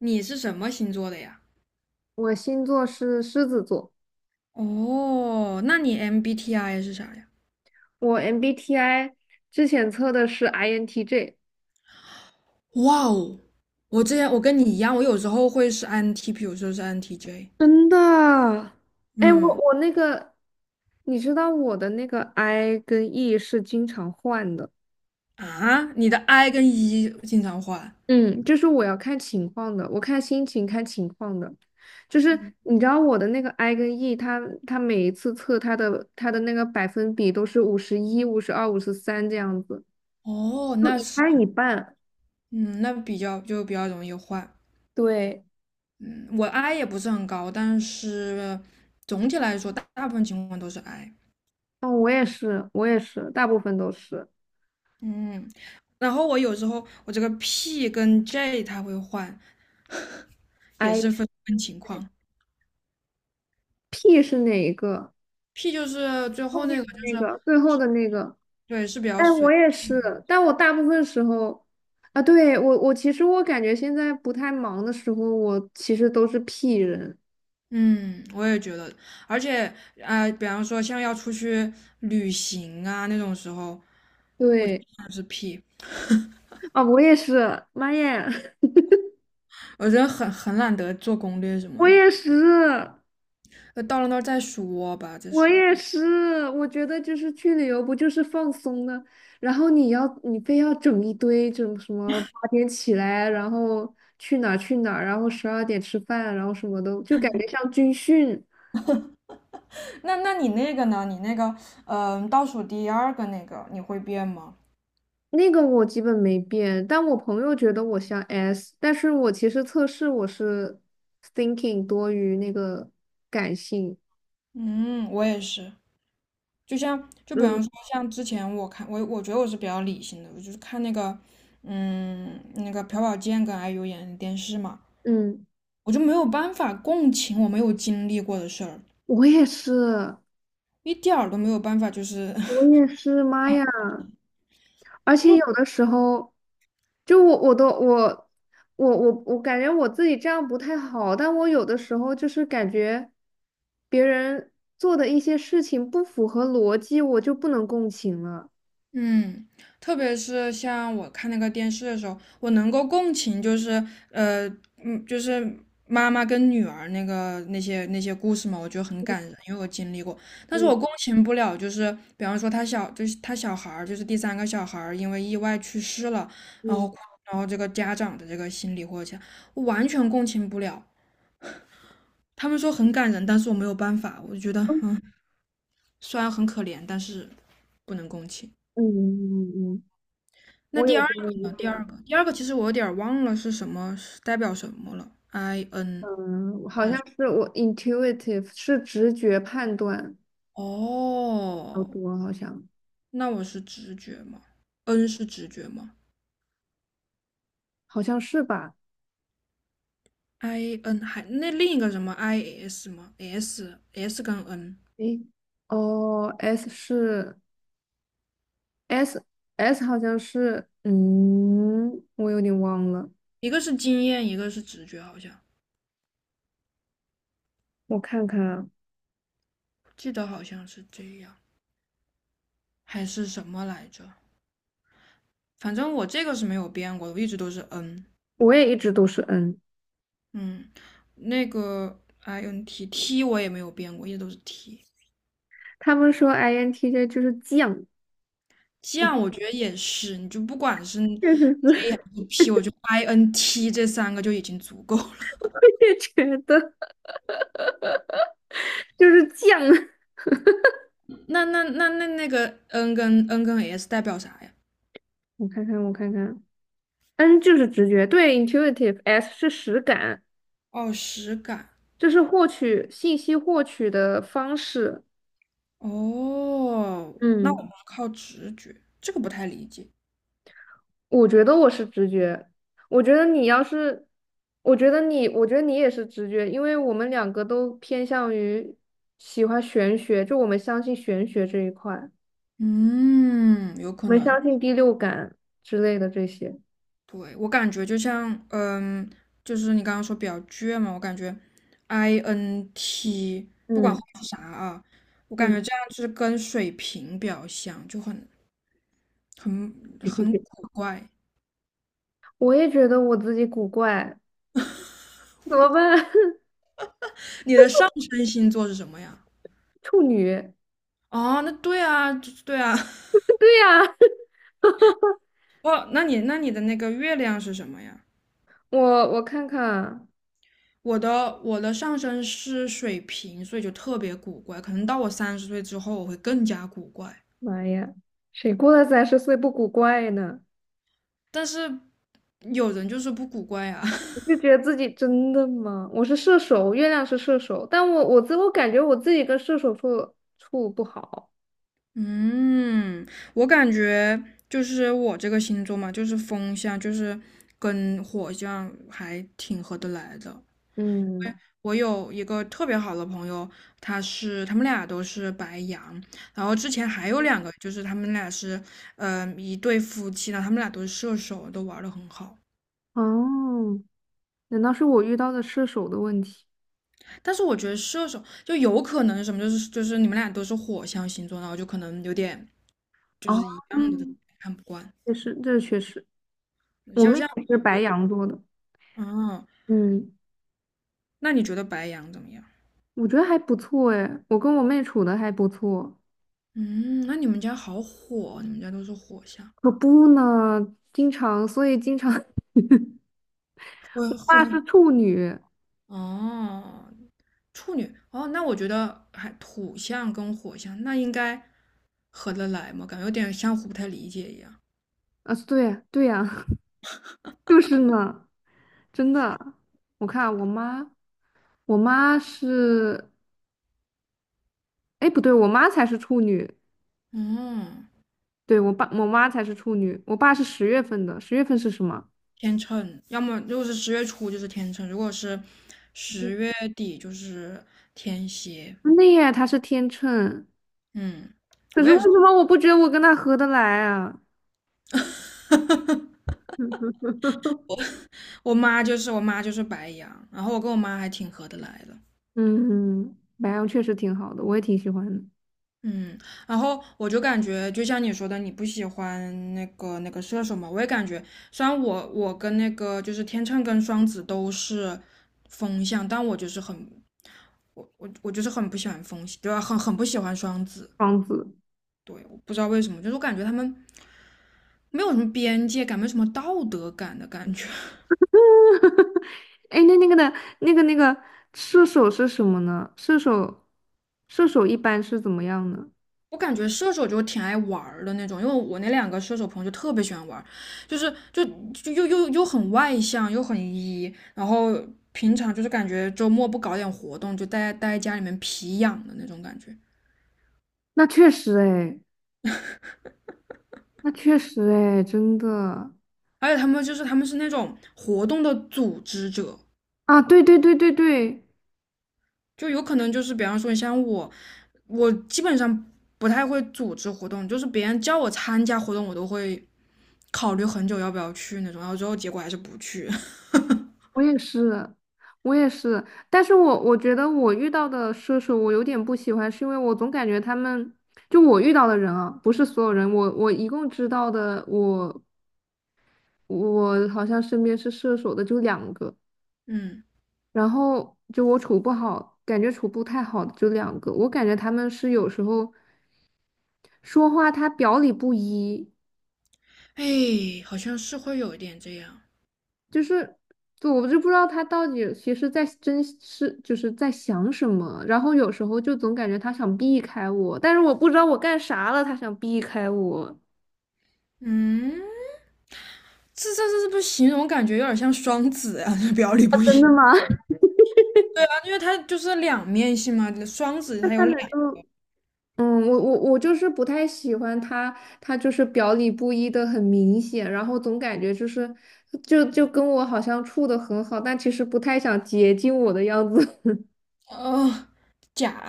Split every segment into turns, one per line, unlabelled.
你是什么星座的呀？
我星座是狮子座，
哦，那你 MBTI 是啥呀？
我 MBTI 之前测的是 INTJ。
哇哦，我之前我跟你一样，我有时候会是 INTP，有时候是 INTJ。
真的？哎，我
嗯，
我那个，你知道我的那个 I 跟 E 是经常换的。
啊，你的 I 跟 E 经常换。
嗯，就是我要看情况的，我看心情看情况的，就是你知道我的那个 I 跟 E，它每一次测它的那个百分比都是51、52、53这样子，
哦，
就
那
一
是
半一半。
嗯，那比较就比较容易换。
对，
嗯，我 I 也不是很高，但是总体来说，大部分情况都是 I。
哦，我也是，我也是，大部分都是。
嗯，然后我有时候这个 P 跟 J 它会换，也是分情况。
IP 是哪一个？
P 就是最
后
后那
面
个，
的
就
那个，
是
最后的那个。
对，是比较
哎，我
随。
也是，但我大部分时候，啊，对，我其实我感觉现在不太忙的时候，我其实都是 P 人。
嗯，我也觉得，而且比方说像要出去旅行啊那种时候，我就
对，
想是 P，
啊，我也是，妈耶，
我觉得很懒得做攻略什么
我
的，
也是，
到了那儿再说吧，再
我
说。
也是，我觉得就是去旅游不就是放松呢？然后你非要整一堆，整什么8点起来，然后去哪儿去哪儿，然后12点吃饭，然后什么的，就感觉像军训。
那你那个呢？你那个，倒数第二个那个，你会变吗？
那个我基本没变，但我朋友觉得我像 S，但是我其实测试我是 thinking 多于那个感性。
嗯，我也是。就像就比
嗯
方说像之前我觉得我是比较理性的，我就是看那个那个朴宝剑跟 IU 演的电视嘛，
嗯，
我就没有办法共情我没有经历过的事儿，
我也是，
一点儿都没有办法就是
我 也是，妈呀！而且有的时候，就我我都我我我我感觉我自己这样不太好，但我有的时候就是感觉别人做的一些事情不符合逻辑，我就不能共情了。
嗯，特别是像我看那个电视的时候，我能够共情，就是呃，就是妈妈跟女儿那个那些故事嘛，我觉得很感人，因为我经历过。但是
嗯
我共情不了，就是比方说他小，就是他小孩儿，就是第三个小孩儿因为意外去世了，然
嗯
后然后这个家长的这个心理或者我完全共情不了。他们说很感人，但是我没有办法，我就觉得
嗯
虽然很可怜，但是不能共情。
嗯嗯嗯嗯。
那
我
第
有
二
时候也
个呢？
这
第
样。
二个，第二个其实我有点儿忘了是什么，是代表什么了。I N，
嗯，好像是我 intuitive 是直觉判断较
哦，
多，好像
那我是直觉吗？N 是直觉吗
好像是吧？
？I N 还那另一个什么 I S 吗？S 跟 N，
诶，哦，S 是 S S 好像是，嗯，我有点忘了，
一个是经验，一个是直觉，好像
我看看啊。
记得好像是这样，还是什么来着？反正我这个是没有变过，的，我一直都是 N。
我也一直都是 N。
嗯，那个 I N T 我也没有变过，一直都是 T。
他们说 INTJ 就是犟，
这样我觉得也是，你就不管是
确实是，
EP，我就 INT 这三个就已经足够了。
我也觉得就是犟。
那个 N 跟 S 代表啥呀？
我看看，我看看，N 就是直觉，对，intuitive，S 是实感。
哦，实感。
就是获取信息获取的方式。
哦，那
嗯
我们靠直觉，这个不太理解。
我觉得我是直觉，我觉得你要是，我觉得你也是直觉，因为我们两个都偏向于喜欢玄学，就我们相信玄学这一块，
嗯，有可
我们
能。
相信第六感之类的这些。
对，我感觉就像，就是你刚刚说比较倔嘛，我感觉 INT 不管后
嗯
面是啥啊，我感
嗯，
觉这样就是跟水平比较像，就很很古怪。
我也觉得我自己古怪，怎么办？
你的上升星座是什么呀？
处女，
哦，那对啊，对啊。
对呀，
哦，那你的那个月亮是什么呀？
我我看看啊。
我的上升是水瓶，所以就特别古怪。可能到我三十岁之后，我会更加古怪。
妈呀，谁过了30岁不古怪呢？
但是有人就是不古怪啊，
我就 觉得自己真的吗？我是射手，月亮是射手，但我自我感觉我自己跟射手处处不好。
嗯，我感觉就是我这个星座嘛，就是风象，就是跟火象还挺合得来的。
嗯，
我有一个特别好的朋友，他们俩都是白羊，然后之前还有两个，就是他们俩是，一对夫妻，然后他们俩都是射手，都玩的很好。
哦，难道是我遇到的射手的问题？
但是我觉得射手就有可能是什么，就是你们俩都是火象星座，然后就可能有点
哦，
看不惯。
也是，这确实，我
肖
妹
像
也是白
我，
羊座的。
嗯，
嗯，
那你觉得白羊怎么样？
我觉得还不错哎，我跟我妹处的还不错。
嗯，那你们家好火，你们家都是火象，
可不呢，经常，所以经常，我
会
爸是处女
哦，处女哦，那我觉得还土象跟火象那应该合得来吗？感觉有点相互不太理解一样。
啊，对呀，对呀，就是呢。真的，我看我妈，我妈是，哎，不对，我妈才是处女，
嗯，
对，我爸，我妈才是处女，我爸是十月份的，十月份是什么？
天秤，要么如果是十月初就是天秤，如果是十月底就是天蝎。
真的耶，他是天秤，
嗯，
可是为什么我不觉得我跟他合得来啊？
我妈就是白羊，然后我跟我妈还挺合得来的。
嗯，白羊确实挺好的，我也挺喜欢的。
嗯，然后我就感觉，就像你说的，你不喜欢那个那个射手嘛，我也感觉，虽然我跟那个就是天秤跟双子都是风象，但我就是很不喜欢风，对吧？很很不喜欢双子，
双子，
对，我不知道为什么，就是我感觉他们没有什么边界感，没有什么道德感的感觉。
哎，那那个的，那个那个射手是什么呢？射手，射手一般是怎么样呢？
我感觉射手就挺爱玩儿的那种，因为我那两个射手朋友就特别喜欢玩儿，就是又很外向，又很 E，然后平常就是感觉周末不搞点活动，就待在家里面皮痒的那种感觉。
那确实，哎，那确实，哎，真的。
而且他们就是他们是那种活动的组织者，
啊，对对对对对，
就有可能就是比方说像我，我基本上不太会组织活动，就是别人叫我参加活动，我都会考虑很久要不要去那种，然后最后结果还是不去。
我也是，我也是，但是我觉得我遇到的射手我有点不喜欢，是因为我总感觉他们，就我遇到的人啊，不是所有人，我一共知道的，我好像身边是射手的就两个，
嗯。
然后就我处不好，感觉处不太好的就两个，我感觉他们是有时候说话他表里不一，
哎，好像是会有一点这样。
就是就我就不知道他到底其实在真是就是在想什么，然后有时候就总感觉他想避开我，但是我不知道我干啥了，他想避开我。
嗯，这不形容感觉有点像双子啊，表里不
真
一。
的吗？
啊，因为它就是两面性嘛，双子
那
它
他
有
难
两
道？嗯，我就是不太喜欢他，他就是表里不一的很明显，然后总感觉就是就跟我好像处的很好，但其实不太想接近我的样子，
哦，假，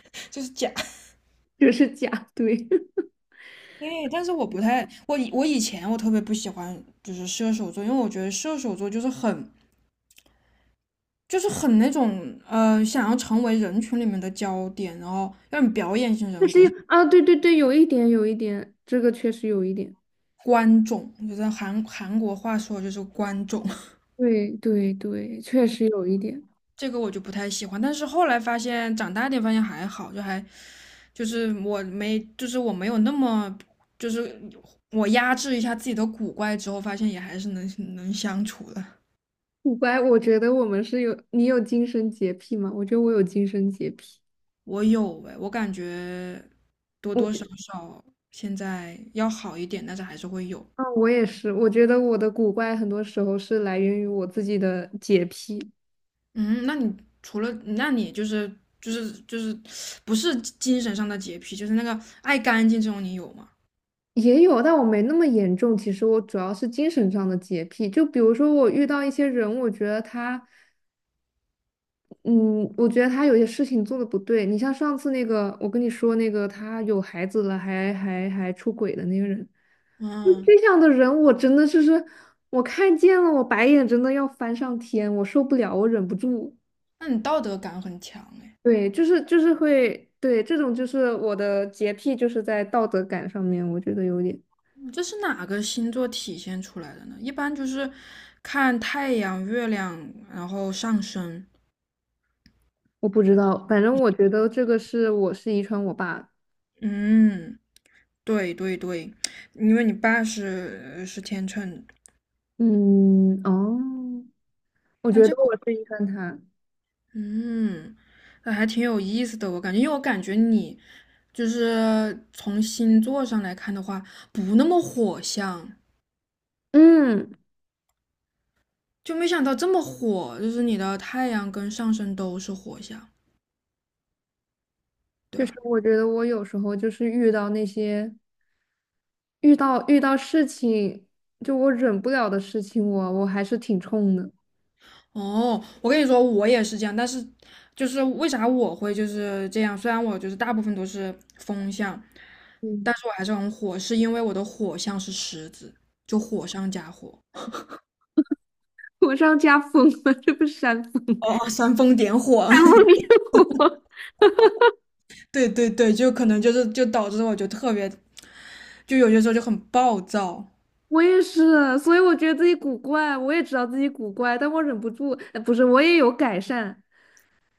就是假。
就是假对。
哎，但是我不太，我以前我特别不喜欢就是射手座，因为我觉得射手座就是很那种想要成为人群里面的焦点，然后有点表演型
但
人
是
格，
啊，对对对，有一点有一点，这个确实有一点。
观众，就是韩国话说就是观众。
对对对，确实有一点。
这个我就不太喜欢。但是后来发现，长大点发现还好，就还就是我没就是我没有那么就是我压制一下自己的古怪之后，发现也还是能相处的。
古怪。我觉得我们是有，你有精神洁癖吗？我觉得我有精神洁癖。
我有哎，我感觉多
我
多
觉，
少少现在要好一点，但是还是会有。
啊，我也是。我觉得我的古怪很多时候是来源于我自己的洁癖，
嗯，那你除了那你就是不是精神上的洁癖，就是那个爱干净这种，你有吗？
也有，但我没那么严重。其实我主要是精神上的洁癖，就比如说我遇到一些人，我觉得他有些事情做的不对。你像上次那个，我跟你说那个，他有孩子了，还出轨的那个人。
嗯，
这样的人，我真的就是我看见了，我白眼真的要翻上天，我受不了，我忍不住。
那你道德感很强哎。
对，就是会，对，这种就是我的洁癖，就是在道德感上面，我觉得有点，
这是哪个星座体现出来的呢？一般就是看太阳、月亮，然后上升。
我不知道，反正我觉得这个是我是遗传我爸。
嗯，对对对，因为你爸是天秤，
嗯，哦，我
但
觉
这
得
个
我是遗传他。
嗯，那还挺有意思的。我感觉，因为我感觉你就是从星座上来看的话，不那么火象，
嗯，
就没想到这么火，就是你的太阳跟上升都是火象，对
就是
吧？
我觉得我有时候就是遇到那些遇到事情，就我忍不了的事情我还是挺冲的。
哦，我跟你说，我也是这样，但是就是为啥我会就是这样？虽然我就是大部分都是风象，但
嗯
是我还是很火，是因为我的火象是狮子，就火上加火。
我上家疯了，这不是山峰，
哦，煽风点火，
山峰比我。
对对对，就可能就是就导致我就特别，就有些时候就很暴躁。
我也是，所以我觉得自己古怪，我也知道自己古怪，但我忍不住，不是，我也有改善，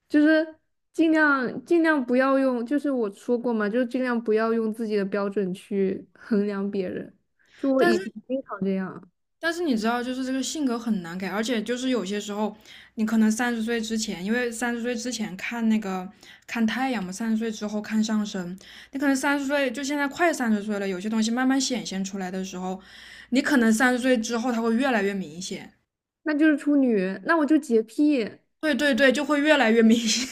就是尽量不要用，就是我说过嘛，就是尽量不要用自己的标准去衡量别人。就我
但
以前
是
经常这样，
但是你知道，就是这个性格很难改，而且就是有些时候，你可能三十岁之前，因为三十岁之前看那个看太阳嘛，三十岁之后看上升。你可能三十岁，就现在快三十岁了，有些东西慢慢显现出来的时候，你可能三十岁之后它会越来越明显。
那就是处女，那我就洁癖。
对对对，就会越来越明显。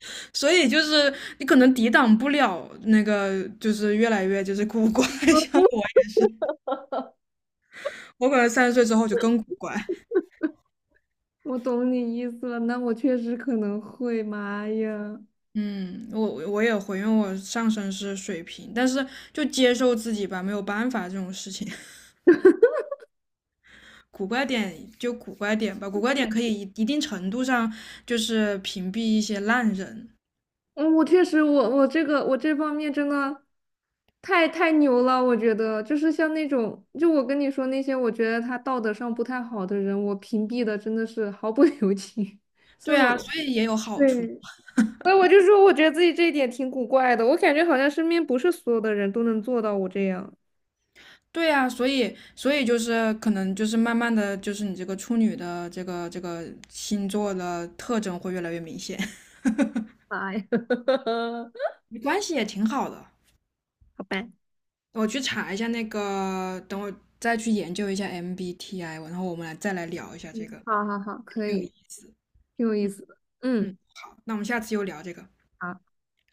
所以就是你可能抵挡不了那个，就是越来越就是古怪。像我，我可能三十岁之后就更古怪。
我懂你意思了，那我确实可能会，妈呀！
嗯，我也会，因为我上身是水瓶，但是就接受自己吧，没有办法这种事情。古怪点就古怪点吧，古怪点可以一定程度上就是屏蔽一些烂人，
嗯，我确实，我这个我这方面真的太牛了，我觉得就是像那种，就我跟你说那些，我觉得他道德上不太好的人，我屏蔽的真的是毫不 留情，所
对
以
啊，
我
所以也有好处。
对，所以我就说，我觉得自己这一点挺古怪的，我感觉好像身边不是所有的人都能做到我这样。
对啊，所以就是可能就是慢慢的就是你这个处女的这个星座的特征会越来越明显，
哎，
没关系也挺好的。
好吧，
我去查一下那个，等我再去研究一下 MBTI，然后我们来再来聊一下这
嗯，
个，
好好好，可
挺有意
以，
思。
挺有意思的，
嗯，
嗯。
好，那我们下次又聊这个。
好。